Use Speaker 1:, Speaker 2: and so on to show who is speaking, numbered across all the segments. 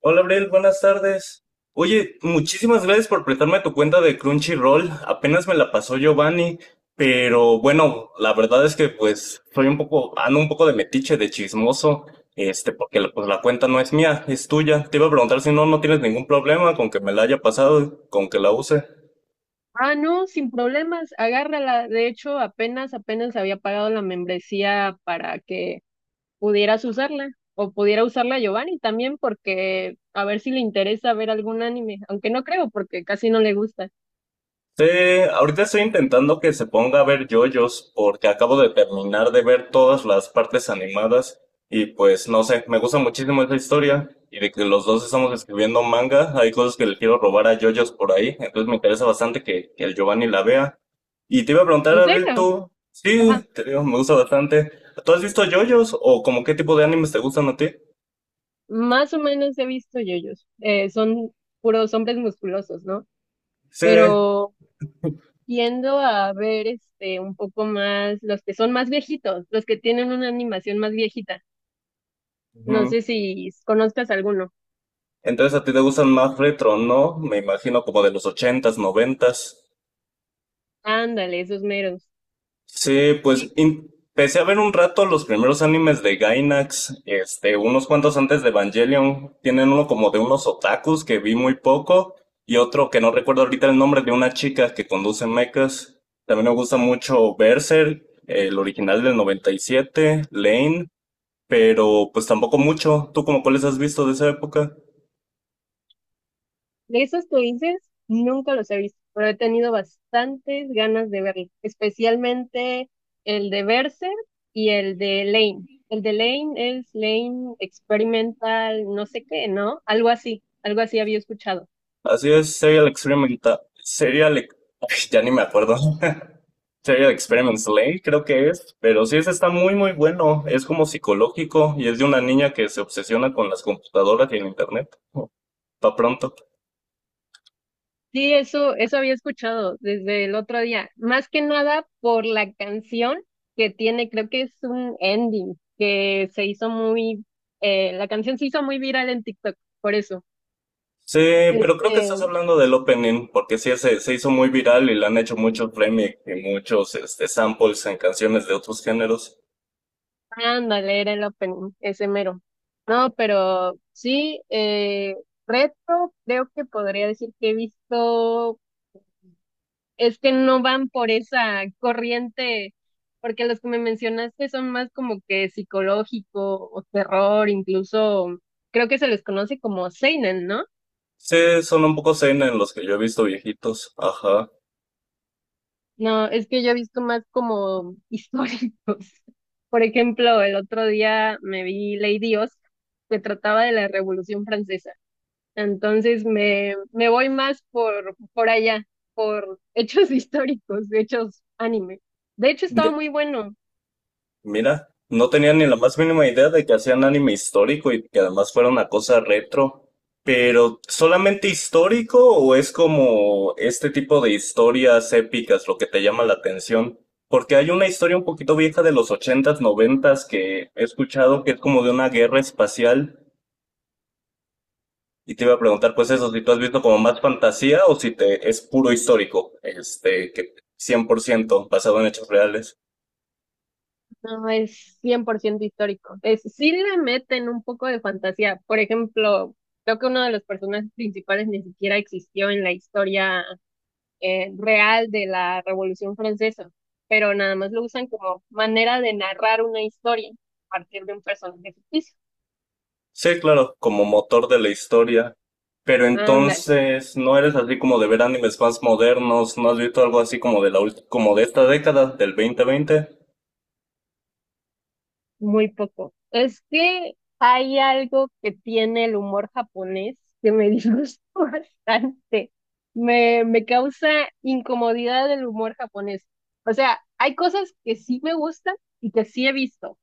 Speaker 1: Hola, Abril, buenas tardes. Oye, muchísimas gracias por prestarme tu cuenta de Crunchyroll. Apenas me la pasó Giovanni, pero bueno, la verdad es que pues ando un poco de metiche, de chismoso, porque pues la cuenta no es mía, es tuya. Te iba a preguntar si no tienes ningún problema con que me la haya pasado, con que la use.
Speaker 2: Ah, no, sin problemas, agárrala. De hecho, apenas había pagado la membresía para que pudieras usarla o pudiera usarla Giovanni también, porque a ver si le interesa ver algún anime, aunque no creo porque casi no le gusta.
Speaker 1: Sí, ahorita estoy intentando que se ponga a ver JoJo's porque acabo de terminar de ver todas las partes animadas y pues no sé, me gusta muchísimo esa historia y de que los dos estamos escribiendo manga, hay cosas que le quiero robar a JoJo's por ahí, entonces me interesa bastante que el Giovanni la vea. Y te iba a preguntar,
Speaker 2: ¿En
Speaker 1: Abril,
Speaker 2: serio?
Speaker 1: tú, sí,
Speaker 2: Ajá.
Speaker 1: te digo, me gusta bastante. ¿Tú has visto JoJo's o como qué tipo de animes te gustan a ti?
Speaker 2: Más o menos he visto yoyos. Son puros hombres musculosos, ¿no?
Speaker 1: Sí.
Speaker 2: Pero tiendo a ver un poco más los que son más viejitos, los que tienen una animación más viejita. No
Speaker 1: Ujú.
Speaker 2: sé si conozcas alguno.
Speaker 1: Entonces a ti te gustan más retro, ¿no? Me imagino como de los ochentas, noventas.
Speaker 2: Ándale, esos meros.
Speaker 1: Sí, pues
Speaker 2: Sí,
Speaker 1: empecé a ver un rato los primeros animes de Gainax, unos cuantos antes de Evangelion. Tienen uno como de unos otakus que vi muy poco y otro que no recuerdo ahorita el nombre de una chica que conduce mechas. También me gusta mucho Berserk, el original del 97, Lane, pero pues tampoco mucho. ¿Tú como cuáles has visto de esa época?
Speaker 2: de esos que dices, nunca los he visto, pero he tenido bastantes ganas de verlo, especialmente el de Berserk y el de Lane. El de Lane es Lane Experimental, no sé qué, ¿no? Algo así había escuchado.
Speaker 1: Así es, Serial Experimenta, ya ni me acuerdo. Theory of Experiments Lane, creo que es, pero sí, ese está muy, muy bueno. Es como psicológico y es de una niña que se obsesiona con las computadoras y el internet. Oh, pa pronto.
Speaker 2: Sí, eso había escuchado desde el otro día. Más que nada por la canción que tiene, creo que es un ending que se hizo La canción se hizo muy viral en TikTok, por eso.
Speaker 1: Sí, pero creo que
Speaker 2: Este,
Speaker 1: estás hablando del opening, porque sí, ese se hizo muy viral y le han hecho muchos remix y muchos samples en canciones de otros géneros.
Speaker 2: ándale, era el opening, ese mero. No, pero sí, retro, creo que podría decir que he visto. Es que no van por esa corriente, porque los que me mencionaste son más como que psicológico o terror. Incluso creo que se les conoce como seinen, ¿no?
Speaker 1: Sí, son un poco zen en los que yo he visto viejitos. Ajá.
Speaker 2: No, es que yo he visto más como históricos. Por ejemplo, el otro día me vi Lady Oscar, que trataba de la Revolución Francesa. Entonces me voy más por allá, por hechos históricos, hechos anime. De hecho, estaba muy bueno.
Speaker 1: Mira, no tenía ni la más mínima idea de que hacían anime histórico y que además fuera una cosa retro. Pero, ¿solamente histórico o es como este tipo de historias épicas lo que te llama la atención? Porque hay una historia un poquito vieja de los ochentas, noventas que he escuchado que es como de una guerra espacial y te iba a preguntar pues eso, si tú has visto como más fantasía o si te es puro histórico, que 100% basado en hechos reales.
Speaker 2: No es cien por ciento histórico. Es, sí le meten un poco de fantasía. Por ejemplo, creo que uno de los personajes principales ni siquiera existió en la historia real de la Revolución Francesa, pero nada más lo usan como manera de narrar una historia a partir de un personaje ficticio.
Speaker 1: Sí, claro, como motor de la historia. Pero
Speaker 2: Ándale.
Speaker 1: entonces, ¿no eres así como de ver animes más modernos? ¿No has visto algo así como de la como de esta década, del 2020?
Speaker 2: Muy poco. Es que hay algo que tiene el humor japonés que me disgusta bastante. Me causa incomodidad el humor japonés. O sea, hay cosas que sí me gustan y que sí he visto,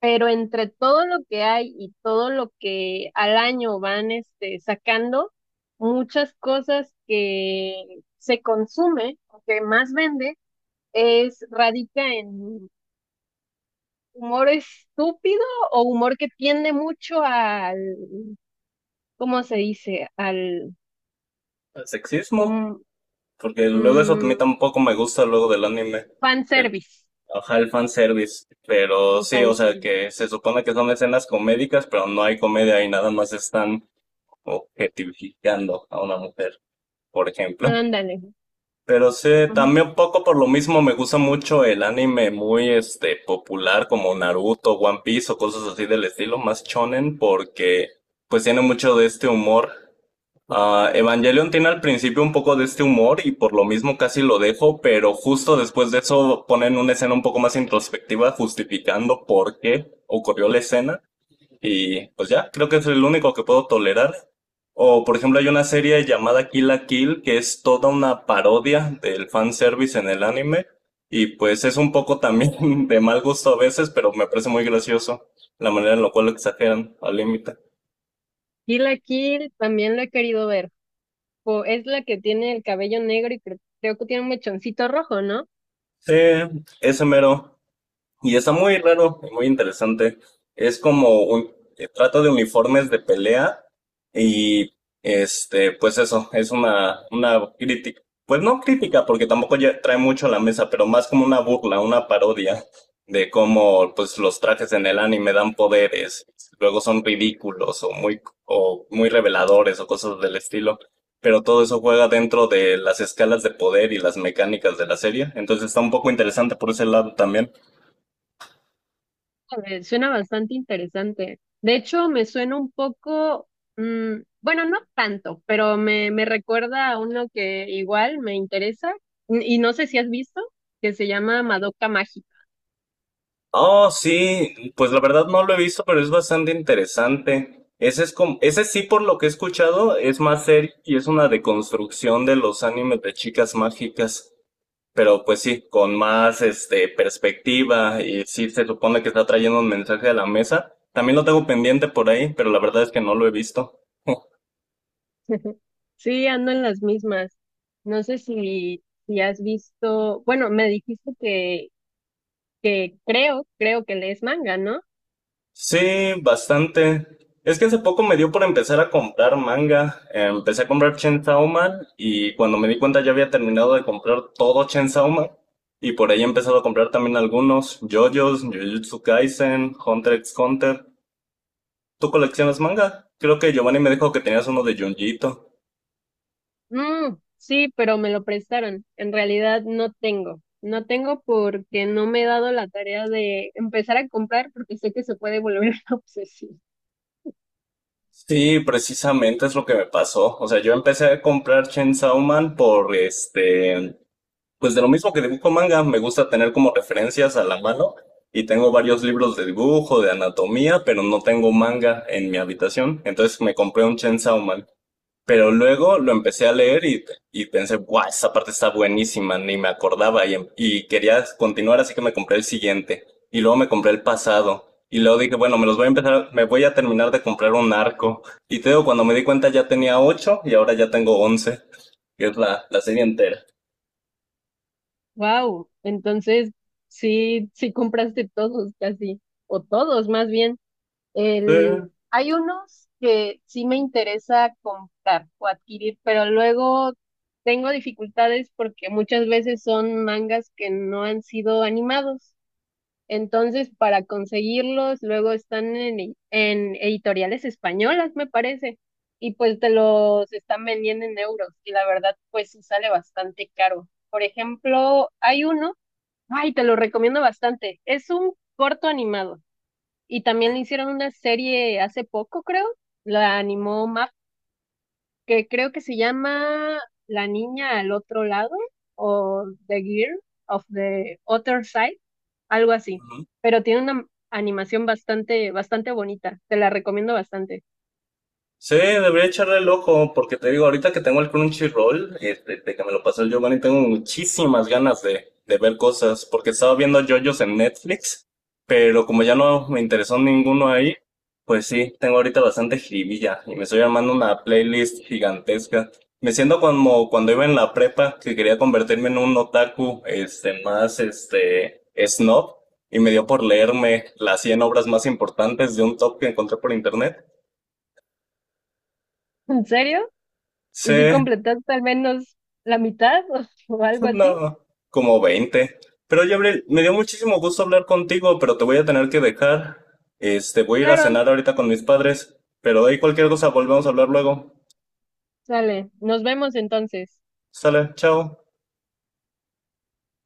Speaker 2: pero entre todo lo que hay y todo lo que al año van sacando, muchas cosas que se consume o que más vende, es radica en humor estúpido o humor que tiende mucho al, ¿cómo se dice? Al,
Speaker 1: ¿El sexismo?
Speaker 2: como,
Speaker 1: Porque luego eso a
Speaker 2: mm,
Speaker 1: mí tampoco me gusta luego del anime. El,
Speaker 2: fanservice.
Speaker 1: ajá, el fanservice. Pero
Speaker 2: El
Speaker 1: sí, o sea,
Speaker 2: fanservice.
Speaker 1: que se supone que son escenas comédicas, pero no hay comedia y nada más están objetificando a una mujer, por ejemplo.
Speaker 2: Ándale.
Speaker 1: Pero sí,
Speaker 2: Ujú.
Speaker 1: también un poco por lo mismo me gusta mucho el anime muy popular como Naruto, One Piece o cosas así del estilo, más shonen, porque pues tiene mucho de este humor. Ah, Evangelion tiene al principio un poco de este humor y por lo mismo casi lo dejo, pero justo después de eso ponen una escena un poco más introspectiva justificando por qué ocurrió la escena. Y pues ya, creo que es el único que puedo tolerar. O por ejemplo hay una serie llamada Kill la Kill que es toda una parodia del fanservice en el anime. Y pues es un poco también de mal gusto a veces, pero me parece muy gracioso la manera en la cual lo exageran al límite.
Speaker 2: Kill la Kill también lo he querido ver. Es la que tiene el cabello negro y creo que tiene un mechoncito rojo, ¿no?
Speaker 1: Sí, ese mero. Y está muy raro y muy interesante. Es como un trato de uniformes de pelea y pues eso, es una crítica. Pues no crítica, porque tampoco ya trae mucho a la mesa, pero más como una burla, una parodia de cómo pues los trajes en el anime dan poderes, luego son ridículos o muy reveladores o cosas del estilo. Pero todo eso juega dentro de las escalas de poder y las mecánicas de la serie. Entonces está un poco interesante por ese lado también.
Speaker 2: A ver, suena bastante interesante. De hecho, me suena un poco, bueno, no tanto, pero me recuerda a uno que igual me interesa y no sé si has visto, que se llama Madoka Mágica.
Speaker 1: Oh, sí, pues la verdad no lo he visto, pero es bastante interesante. Ese es como, ese sí, por lo que he escuchado, es más serio y es una deconstrucción de los animes de chicas mágicas. Pero pues sí, con más perspectiva y sí se supone que está trayendo un mensaje a la mesa. También lo tengo pendiente por ahí, pero la verdad es que no lo he visto.
Speaker 2: Sí, ando en las mismas. No sé si has visto. Bueno, me dijiste que creo que lees manga, ¿no?
Speaker 1: Sí, bastante. Es que hace poco me dio por empezar a comprar manga. Empecé a comprar Chainsaw Man y cuando me di cuenta ya había terminado de comprar todo Chainsaw Man. Y por ahí he empezado a comprar también algunos. JoJo's, Jujutsu Kaisen, Hunter x Hunter. ¿Tú coleccionas manga? Creo que Giovanni me dijo que tenías uno de Junjito.
Speaker 2: Mm, sí, pero me lo prestaron. En realidad no tengo. No tengo porque no me he dado la tarea de empezar a comprar porque sé que se puede volver una obsesión.
Speaker 1: Sí, precisamente es lo que me pasó. O sea, yo empecé a comprar Chainsaw Man. Por este Pues de lo mismo que dibujo manga, me gusta tener como referencias a la mano y tengo varios libros de dibujo, de anatomía, pero no tengo manga en mi habitación. Entonces me compré un Chainsaw Man. Pero luego lo empecé a leer y pensé, guau, esa parte está buenísima, ni me acordaba y quería continuar, así que me compré el siguiente. Y luego me compré el pasado. Y luego dije, bueno, me voy a terminar de comprar un arco. Y te digo, cuando me di cuenta ya tenía ocho y ahora ya tengo 11, que es la serie entera.
Speaker 2: Wow. Entonces, sí compraste todos casi. O todos, más bien. El,
Speaker 1: Sí.
Speaker 2: hay unos que sí me interesa comprar o adquirir, pero luego tengo dificultades porque muchas veces son mangas que no han sido animados. Entonces, para conseguirlos, luego están en, en editoriales españolas, me parece, y pues te los están vendiendo en euros, y la verdad, pues sí sale bastante caro. Por ejemplo, hay uno, ay, te lo recomiendo bastante, es un corto animado. Y también le hicieron una serie hace poco, creo. La animó Map, que creo que se llama La niña al otro lado, o The Girl of the Other Side, algo así.
Speaker 1: Ujú.
Speaker 2: Pero tiene una animación bastante, bastante bonita. Te la recomiendo bastante.
Speaker 1: Sí, debería echarle el ojo, porque te digo, ahorita que tengo el Crunchyroll, de que me lo pasó el Giovanni, tengo muchísimas ganas de ver cosas, porque estaba viendo JoJo's en Netflix, pero como ya no me interesó ninguno ahí, pues sí, tengo ahorita bastante jiribilla y me estoy armando una playlist gigantesca. Me siento como cuando iba en la prepa, que quería convertirme en un otaku, más, snob, y me dio por leerme las 100 obras más importantes de un top que encontré por internet.
Speaker 2: ¿En serio?
Speaker 1: Sí,
Speaker 2: ¿Y si completaste al menos la mitad o algo así?
Speaker 1: no, como 20. Pero Gabriel, me dio muchísimo gusto hablar contigo, pero te voy a tener que dejar. Voy a ir a
Speaker 2: Claro,
Speaker 1: cenar ahorita con mis padres, pero ahí cualquier cosa volvemos a hablar luego.
Speaker 2: sale. Nos vemos entonces.
Speaker 1: Sale, chao.